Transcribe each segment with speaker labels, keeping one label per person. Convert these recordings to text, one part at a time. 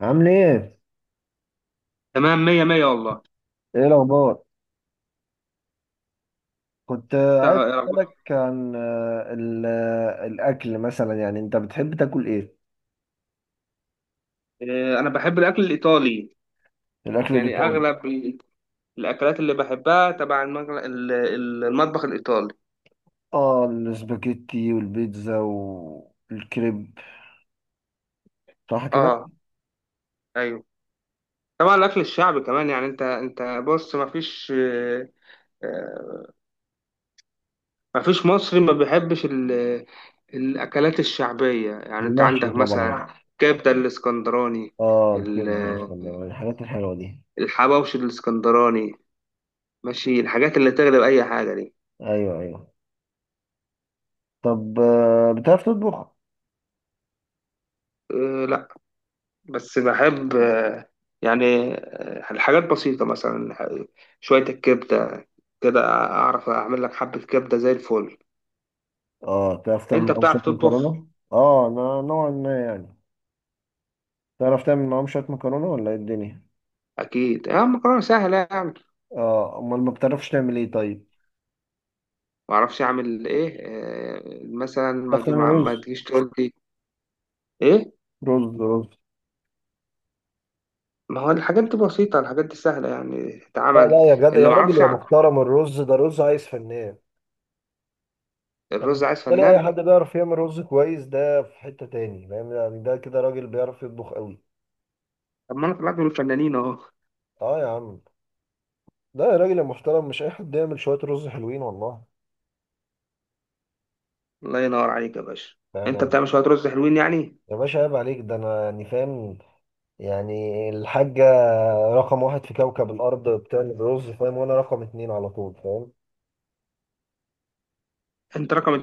Speaker 1: عامل ايه؟
Speaker 2: تمام، مية مية والله.
Speaker 1: ايه الاخبار؟ كنت عايز
Speaker 2: تع-
Speaker 1: اسالك عن الاكل مثلا، يعني انت بتحب تاكل ايه؟
Speaker 2: أنا بحب الأكل الإيطالي.
Speaker 1: الاكل
Speaker 2: يعني
Speaker 1: الايطالي.
Speaker 2: أغلب الأكلات اللي بحبها تبع المطبخ الإيطالي.
Speaker 1: اه، الاسباجيتي والبيتزا والكريب، صح كده؟
Speaker 2: آه. أيوه. طبعا الأكل الشعبي كمان. يعني أنت بص، مفيش آه، مفيش مصري ما بيحبش الأكلات الشعبية. يعني أنت
Speaker 1: المحشي
Speaker 2: عندك
Speaker 1: طبعا.
Speaker 2: مثلا كبدة الإسكندراني،
Speaker 1: اه،
Speaker 2: ال-
Speaker 1: الكبده، بسم الله، الحاجات الحلوه دي.
Speaker 2: الحواوشي الإسكندراني، ماشي، الحاجات اللي تغلب أي حاجة دي.
Speaker 1: ايوه، ايوه. طب بتعرف تطبخ؟
Speaker 2: آه، بس بحب، يعني الحاجات بسيطة، مثلا شوية الكبدة كده، أعرف أعمل لك حبة كبدة زي الفل.
Speaker 1: اه، بتعرف
Speaker 2: أنت
Speaker 1: تعمل معاهم شويه
Speaker 2: بتعرف تطبخ؟
Speaker 1: مكرونه؟ اه، نوعا ما يعني. تعرف تعمل معاهم شويه مكرونه ولا ايه الدنيا؟
Speaker 2: أكيد، يا مكرونة سهلة يعني.
Speaker 1: اه امال ما بتعرفش تعمل ايه طيب؟
Speaker 2: ما أعرفش أعمل إيه، مثلا
Speaker 1: بتعرف تعمل
Speaker 2: ما ما
Speaker 1: رز؟
Speaker 2: تجيش تقول لي. إيه.
Speaker 1: رز رز.
Speaker 2: ما هو الحاجات دي بسيطة، الحاجات دي سهلة يعني
Speaker 1: لا
Speaker 2: تتعمل.
Speaker 1: لا يا جدع،
Speaker 2: اللي
Speaker 1: يا
Speaker 2: ما
Speaker 1: راجل
Speaker 2: أعرفش
Speaker 1: يا
Speaker 2: أعمل،
Speaker 1: محترم، الرز ده رز عايز فنان. أنا
Speaker 2: الرز عايز
Speaker 1: بالنسبة لي أي
Speaker 2: فنان.
Speaker 1: حد بيعرف يعمل رز كويس ده في حتة تاني، فاهم يعني؟ ده كده راجل بيعرف يطبخ قوي.
Speaker 2: طب ما أنا طلعت من الفنانين أهو.
Speaker 1: أه يا عم، ده يا راجل يا محترم مش أي حد يعمل شوية رز حلوين والله.
Speaker 2: الله ينور عليك يا باشا.
Speaker 1: فاهم
Speaker 2: أنت
Speaker 1: يعني؟
Speaker 2: بتعمل شوية رز حلوين يعني.
Speaker 1: يا باشا عيب عليك، ده أنا يعني فاهم يعني الحاجة رقم واحد في كوكب الأرض بتعمل رز، فاهم؟ وأنا رقم اتنين على طول، فاهم؟
Speaker 2: أنت رقم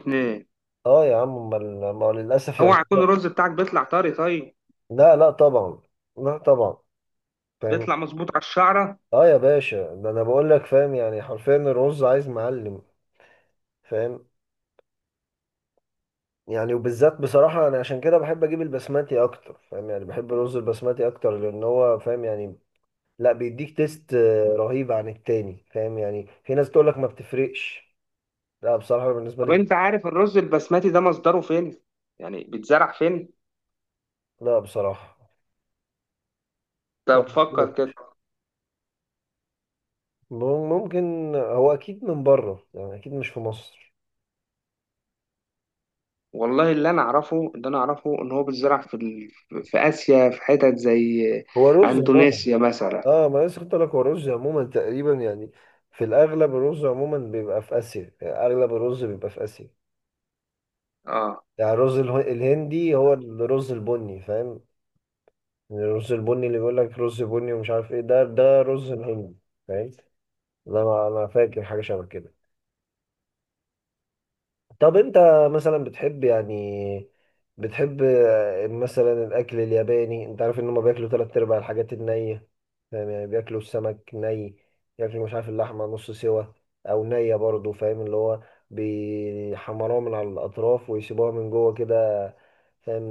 Speaker 2: اتنين.
Speaker 1: أه يا عم، أمال ما للأسف يعني.
Speaker 2: اوعى يكون الرز بتاعك بيطلع طري طيب؟
Speaker 1: لا لا طبعا، لا طبعا، فاهم.
Speaker 2: بيطلع مظبوط على الشعره.
Speaker 1: اه يا باشا، ده انا بقول لك، فاهم يعني، حرفيا الرز عايز معلم. فاهم يعني، وبالذات بصراحة انا عشان كده بحب اجيب البسماتي اكتر، فاهم يعني، بحب الرز البسماتي اكتر، لان هو فاهم يعني، لا، بيديك تيست رهيب عن التاني، فاهم يعني؟ في ناس تقول لك ما بتفرقش، لا بصراحة بالنسبة
Speaker 2: طب
Speaker 1: لي.
Speaker 2: انت عارف الرز البسمتي ده مصدره فين؟ يعني بيتزرع فين؟
Speaker 1: لا بصراحة،
Speaker 2: طب فكر كده.
Speaker 1: ممكن هو اكيد من بره يعني، اكيد مش في مصر.
Speaker 2: والله اللي انا اعرفه ان هو بيتزرع في اسيا، في حتت زي
Speaker 1: هو رز عموما.
Speaker 2: اندونيسيا مثلا.
Speaker 1: اه، ما أنا لسه كنت أقول لك هو الرز عموما تقريبا يعني، في الاغلب الرز عموما بيبقى في اسيا، يعني اغلب الرز بيبقى في اسيا.
Speaker 2: اه.
Speaker 1: يعني الرز الهندي، هو الرز البني، فاهم؟ يعني الرز البني اللي بيقول لك رز بني ومش عارف ايه ده، ده رز الهندي. فاهم؟ انا فاكر حاجه شبه كده. طب انت مثلا بتحب يعني، بتحب مثلا الاكل الياباني، انت عارف ان هم بياكلوا تلات ارباع الحاجات النية؟ فاهم يعني، بياكلوا السمك ني، ياكلوا مش عارف اللحمة نص سوا او نية برضو، فاهم؟ اللي هو بيحمروها من على الاطراف ويسيبوها من جوه كده، فاهم؟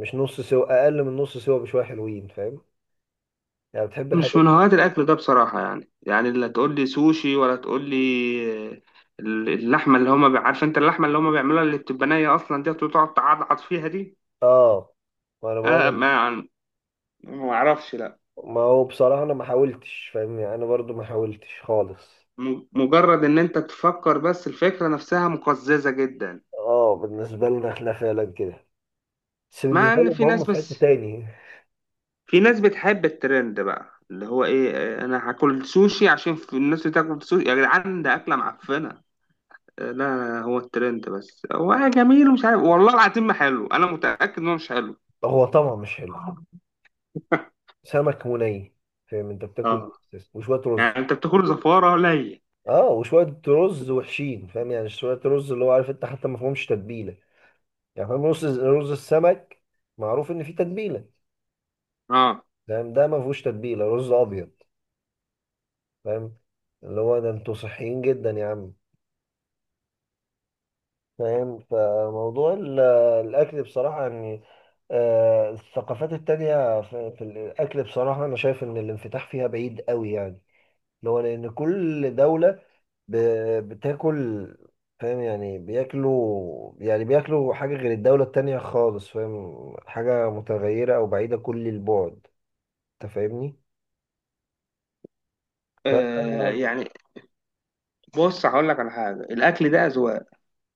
Speaker 1: مش نص سوا، اقل من نص سوا بشوية حلوين، فاهم؟ يعني بتحب
Speaker 2: مش
Speaker 1: الحاجات.
Speaker 2: من هواة الاكل ده بصراحه، يعني يعني لا تقول لي سوشي ولا تقول لي اللحمه اللي هما عارف انت اللحمه اللي هما بيعملوها، اللي بتبقى نيه اصلا دي وتقعد تعضعض فيها دي.
Speaker 1: اه، ما انا
Speaker 2: انا
Speaker 1: بقول،
Speaker 2: ما ما اعرفش، لا.
Speaker 1: ما هو بصراحة انا ما حاولتش، فاهم يعني، انا برضو ما حاولتش خالص.
Speaker 2: مجرد ان انت تفكر بس، الفكرة نفسها مقززة جدا.
Speaker 1: اه بالنسبة لنا احنا فعلا كده، بس
Speaker 2: مع
Speaker 1: بالنسبة
Speaker 2: ان
Speaker 1: لهم
Speaker 2: في
Speaker 1: هم
Speaker 2: ناس،
Speaker 1: في حتة
Speaker 2: بس
Speaker 1: تاني.
Speaker 2: في ناس بتحب الترند بقى، اللي هو ايه، انا هاكل سوشي عشان في الناس بتاكل سوشي، يا جدعان ده اكلة معفنة. لا، هو الترند بس، هو جميل ومش عارف، والله العظيم ما حلو، انا متأكد انه مش حلو.
Speaker 1: هو طبعا مش حلو. سمك مني، فاهم؟ انت بتاكل
Speaker 2: اه.
Speaker 1: إيه؟ وشوية رز.
Speaker 2: يعني انت بتاكل زفارة قليل.
Speaker 1: اه، وشوية رز وحشين، فاهم يعني، شوية رز اللي هو، عارف انت، حتى ما فيهمش تتبيلة، يعني، فاهم؟ رز رز السمك معروف ان فيه تتبيلة،
Speaker 2: اه.
Speaker 1: فاهم؟ ده ما فيهوش تتبيلة، رز ابيض، فاهم؟ اللي هو ده انتوا صحيين جدا يا عم، فاهم. فموضوع الأكل بصراحة يعني، الثقافات التانية في الأكل بصراحة، أنا شايف إن الانفتاح فيها بعيد قوي يعني، اللي هو، لأن كل دولة بتاكل، فاهم يعني؟ بياكلوا، يعني بياكلوا حاجة غير الدولة التانية خالص، فاهم؟ حاجة متغيرة أو بعيدة كل البعد. أنت فاهمني؟ ف
Speaker 2: يعني بص، هقول لك على حاجة، الأكل ده أذواق.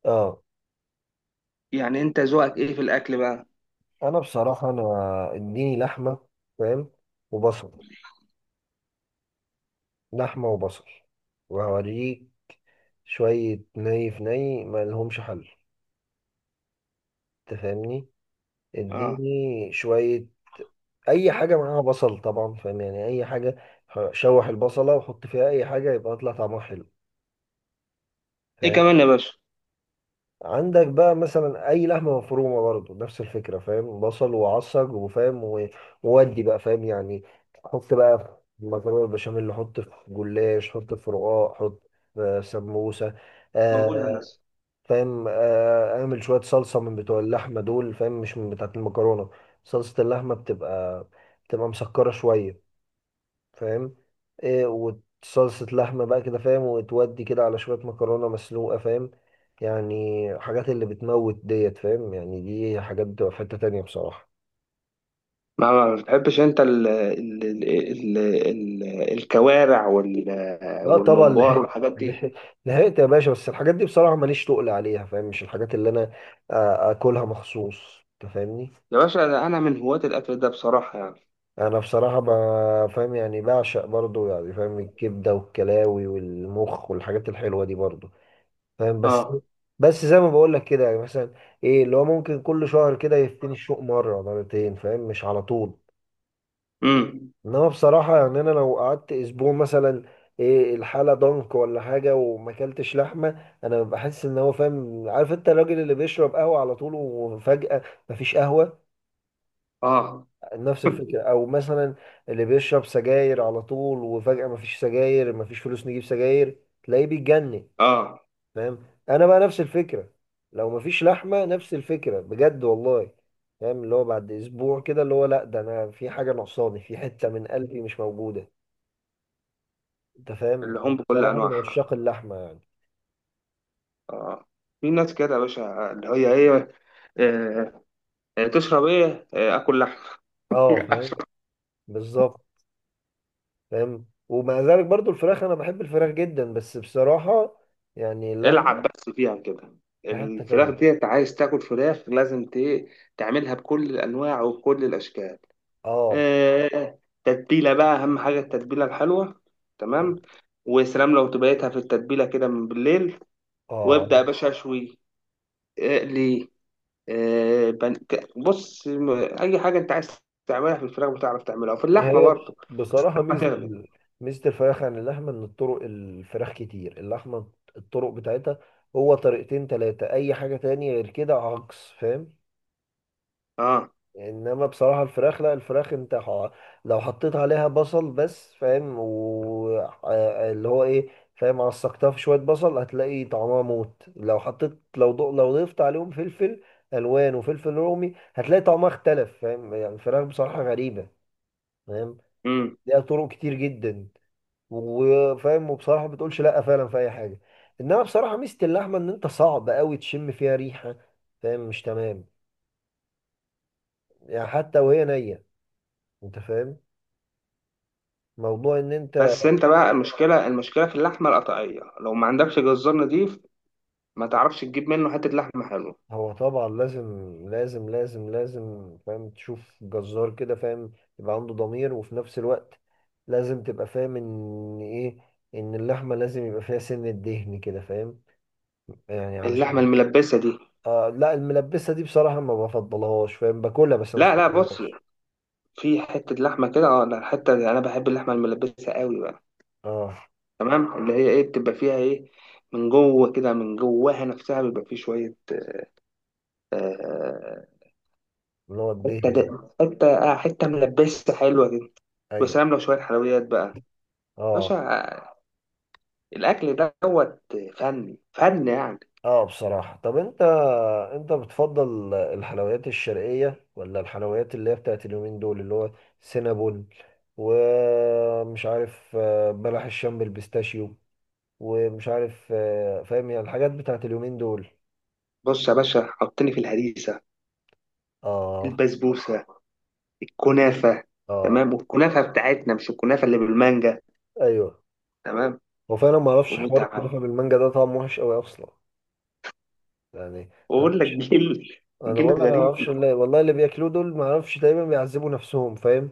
Speaker 1: آه.
Speaker 2: يعني أنت ذوقك إيه في الأكل بقى؟
Speaker 1: أنا بصراحة، أنا إديني لحمة، فاهم، وبصل. لحمة وبصل وهوريك، شوية ني في ني، ما لهمش حل، تفهمني؟
Speaker 2: اه.
Speaker 1: اديني شوية، اي حاجة معاها بصل طبعا، فاهم يعني، اي حاجة. شوح البصلة وحط فيها اي حاجة يبقى يطلع طعمها حلو،
Speaker 2: إيه
Speaker 1: فاهم؟
Speaker 2: كمان يا باشا؟
Speaker 1: عندك بقى مثلا اي لحمة مفرومة، برضه نفس الفكرة، فاهم، بصل وعصج وفاهم وودي بقى، فاهم يعني. حط بقى في مكرونة البشاميل، حط في جلاش، حط في رقاق، حط في سموسة،
Speaker 2: موجود يا هندسة.
Speaker 1: فاهم؟ اعمل شويه صلصه من بتوع اللحمه دول، فاهم، مش من بتاعه المكرونه. صلصه اللحمه بتبقى مسكره شويه، فاهم؟ ايه، وصلصه لحمه بقى كده، فاهم، وتودي كده على شويه مكرونه مسلوقه، فاهم يعني؟ حاجات اللي بتموت ديت، فاهم يعني، دي حاجات بتبقى في حته تانيه بصراحه.
Speaker 2: ما ما بتحبش انت ال الكوارع
Speaker 1: لا طبعا،
Speaker 2: والممبار
Speaker 1: لحقت،
Speaker 2: والحاجات
Speaker 1: لحقت،
Speaker 2: دي؟
Speaker 1: لحقت يا باشا، بس الحاجات دي بصراحه ماليش تقل عليها، فاهم، مش الحاجات اللي انا اكلها مخصوص، انت فاهمني؟
Speaker 2: يا باشا ده انا من هواة الاكل ده بصراحة يعني.
Speaker 1: انا بصراحه فاهم يعني بعشق برضو، يعني فاهم، الكبده والكلاوي والمخ والحاجات الحلوه دي برضو، فاهم؟ بس،
Speaker 2: اه.
Speaker 1: بس زي ما بقول لك كده يعني، مثلا ايه اللي هو ممكن كل شهر كده يفتني الشوق مره مرتين، فاهم، مش على طول.
Speaker 2: امم.
Speaker 1: انما بصراحه يعني انا لو قعدت اسبوع مثلا، ايه الحاله ضنك ولا حاجه وما اكلتش لحمه، انا بحس ان هو، فاهم، عارف انت الراجل اللي بيشرب قهوه على طول وفجاه مفيش قهوه؟
Speaker 2: اه.
Speaker 1: نفس الفكرة. او مثلا اللي بيشرب سجاير على طول وفجأة مفيش سجاير، مفيش فلوس نجيب سجاير، تلاقيه بيتجنن،
Speaker 2: اه
Speaker 1: فاهم؟ انا بقى نفس الفكرة، لو مفيش لحمة نفس الفكرة بجد والله، فاهم؟ اللي هو بعد اسبوع كده، اللي هو لا، ده انا في حاجة ناقصاني، في حتة من قلبي مش موجودة. انت فاهم؟
Speaker 2: اللحوم بكل
Speaker 1: بصراحة من
Speaker 2: انواعها.
Speaker 1: عشاق اللحمة يعني.
Speaker 2: اه. في ناس كده يا باشا اللي هي ايه، آه، تشرب ايه؟ اكل لحمة.
Speaker 1: اه فاهم،
Speaker 2: أشرب.
Speaker 1: بالظبط، فاهم. ومع ذلك برضو الفراخ، انا بحب الفراخ جدا، بس بصراحة يعني اللحمة
Speaker 2: العب بس فيها كده،
Speaker 1: في حتة
Speaker 2: الفراخ
Speaker 1: تانية.
Speaker 2: ديت عايز تاكل فراخ لازم تعملها بكل الانواع وبكل الاشكال.
Speaker 1: اه،
Speaker 2: تتبيلة بقى، أهم حاجة التتبيلة الحلوة. تمام. وسلام لو تبيتها في التتبيلة كده من بالليل،
Speaker 1: اه،
Speaker 2: وابدأ يا باشا أشوي، اقلي، آه، بن- ك- بص م- أي حاجة أنت عايز تعملها في الفراخ بتعرف تعملها، وفي اللحمة
Speaker 1: هي
Speaker 2: برضه
Speaker 1: بصراحة، ميزة
Speaker 2: هتغلب.
Speaker 1: ميزة الفراخ عن اللحمة إن الطرق، الفراخ كتير. اللحمة الطرق بتاعتها هو طريقتين تلاتة، أي حاجة تانية غير كده عكس، فاهم؟
Speaker 2: أه.
Speaker 1: إنما بصراحة الفراخ لا، الفراخ أنت لو حطيت عليها بصل بس، فاهم، و اللي هو إيه، فاهم، عصقتها في شوية بصل هتلاقي طعمها موت. لو حطيت، لو لو ضفت عليهم فلفل ألوان وفلفل رومي هتلاقي طعمها اختلف، فاهم يعني؟ الفراخ بصراحة غريبة، فاهم،
Speaker 2: أمم.
Speaker 1: ليها طرق كتير جدا وفاهم. وبصراحه ما بتقولش لا فعلا في اي حاجه، انما بصراحه ميزه اللحمه ان انت صعب قوي تشم فيها ريحه، فاهم؟ مش تمام؟ يعني حتى وهي نيه، انت فاهم موضوع ان انت؟
Speaker 2: بس أنت بقى، المشكلة في اللحمة القطعية، لو ما عندكش جزار نضيف ما تعرفش تجيب منه حتة لحمة حلوة.
Speaker 1: هو طبعا لازم، لازم فاهم، تشوف جزار كده، فاهم، يبقى عنده ضمير، وفي نفس الوقت لازم تبقى فاهم ان ايه، ان اللحمه لازم يبقى فيها سنه دهن كده، فاهم؟ يعني
Speaker 2: اللحمة
Speaker 1: علشان.
Speaker 2: الملبسة دي؟
Speaker 1: آه لا، الملبسه دي بصراحه ما بفضلهاش، فاهم، باكلها بس ما
Speaker 2: لا لا، بص،
Speaker 1: بفضلهاش.
Speaker 2: في حتة لحمة كده، اه لا حتة، أنا بحب اللحمة الملبسة قوي بقى.
Speaker 1: اه،
Speaker 2: تمام، اللي هي ايه، بتبقى فيها ايه، من جوه كده، من جواها نفسها بيبقى فيه شويه، آه،
Speaker 1: اللي هو
Speaker 2: حته ده
Speaker 1: الدهن ده.
Speaker 2: حته حته ملبسه حلوه كده.
Speaker 1: ايوه.
Speaker 2: وسلام لو شويه حلويات بقى، باشا،
Speaker 1: اه.
Speaker 2: الاكل دوت فن فن يعني.
Speaker 1: اه بصراحة، طب انت، انت بتفضل الحلويات الشرقية ولا الحلويات اللي هي بتاعت اليومين دول، اللي هو سينابون ومش عارف بلح الشام بالبيستاشيو ومش عارف فاهم يعني الحاجات بتاعت اليومين دول؟
Speaker 2: بص يا باشا، حطني في الهريسه،
Speaker 1: اه.
Speaker 2: البسبوسه، الكنافه.
Speaker 1: اه.
Speaker 2: تمام، والكنافه بتاعتنا مش الكنافه اللي بالمانجا.
Speaker 1: ايوه.
Speaker 2: تمام.
Speaker 1: هو فعلا ما اعرفش حوار
Speaker 2: وتمام
Speaker 1: الكنافة بالمانجا ده، طعمه وحش قوي اصلا يعني. أنا
Speaker 2: واقول لك،
Speaker 1: معرفش-
Speaker 2: جيل،
Speaker 1: انا
Speaker 2: جيل
Speaker 1: بقول لك، انا ما
Speaker 2: غريب.
Speaker 1: اعرفش اللي، والله اللي بياكلوه دول ما اعرفش، تقريبا بيعذبوا نفسهم، فاهم؟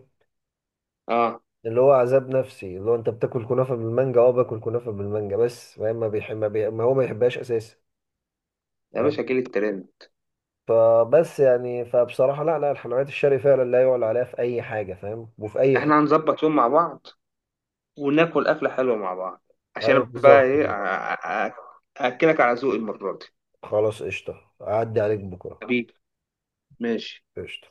Speaker 2: اه.
Speaker 1: اللي هو عذاب نفسي، اللي هو انت بتاكل كنافه بالمانجا، اه باكل كنافه بالمانجا بس فاهم ما بيحب ما هو ما يحبهاش اساسا،
Speaker 2: يا
Speaker 1: فاهم؟
Speaker 2: باشا جيل الترند.
Speaker 1: فبس يعني، فبصراحه لا لا، الحلويات الشرقي فعلا لا يعلى عليها في اي حاجه، فاهم، وفي اي
Speaker 2: احنا
Speaker 1: حته.
Speaker 2: هنظبط يوم مع بعض وناكل أكلة حلوة مع بعض، عشان
Speaker 1: ايوه
Speaker 2: أنا بقى
Speaker 1: بالظبط.
Speaker 2: إيه، أأكلك على ذوقي المرة دي.
Speaker 1: خلاص قشطه، اعدي عليك بكره.
Speaker 2: حبيبي، ماشي.
Speaker 1: قشطه.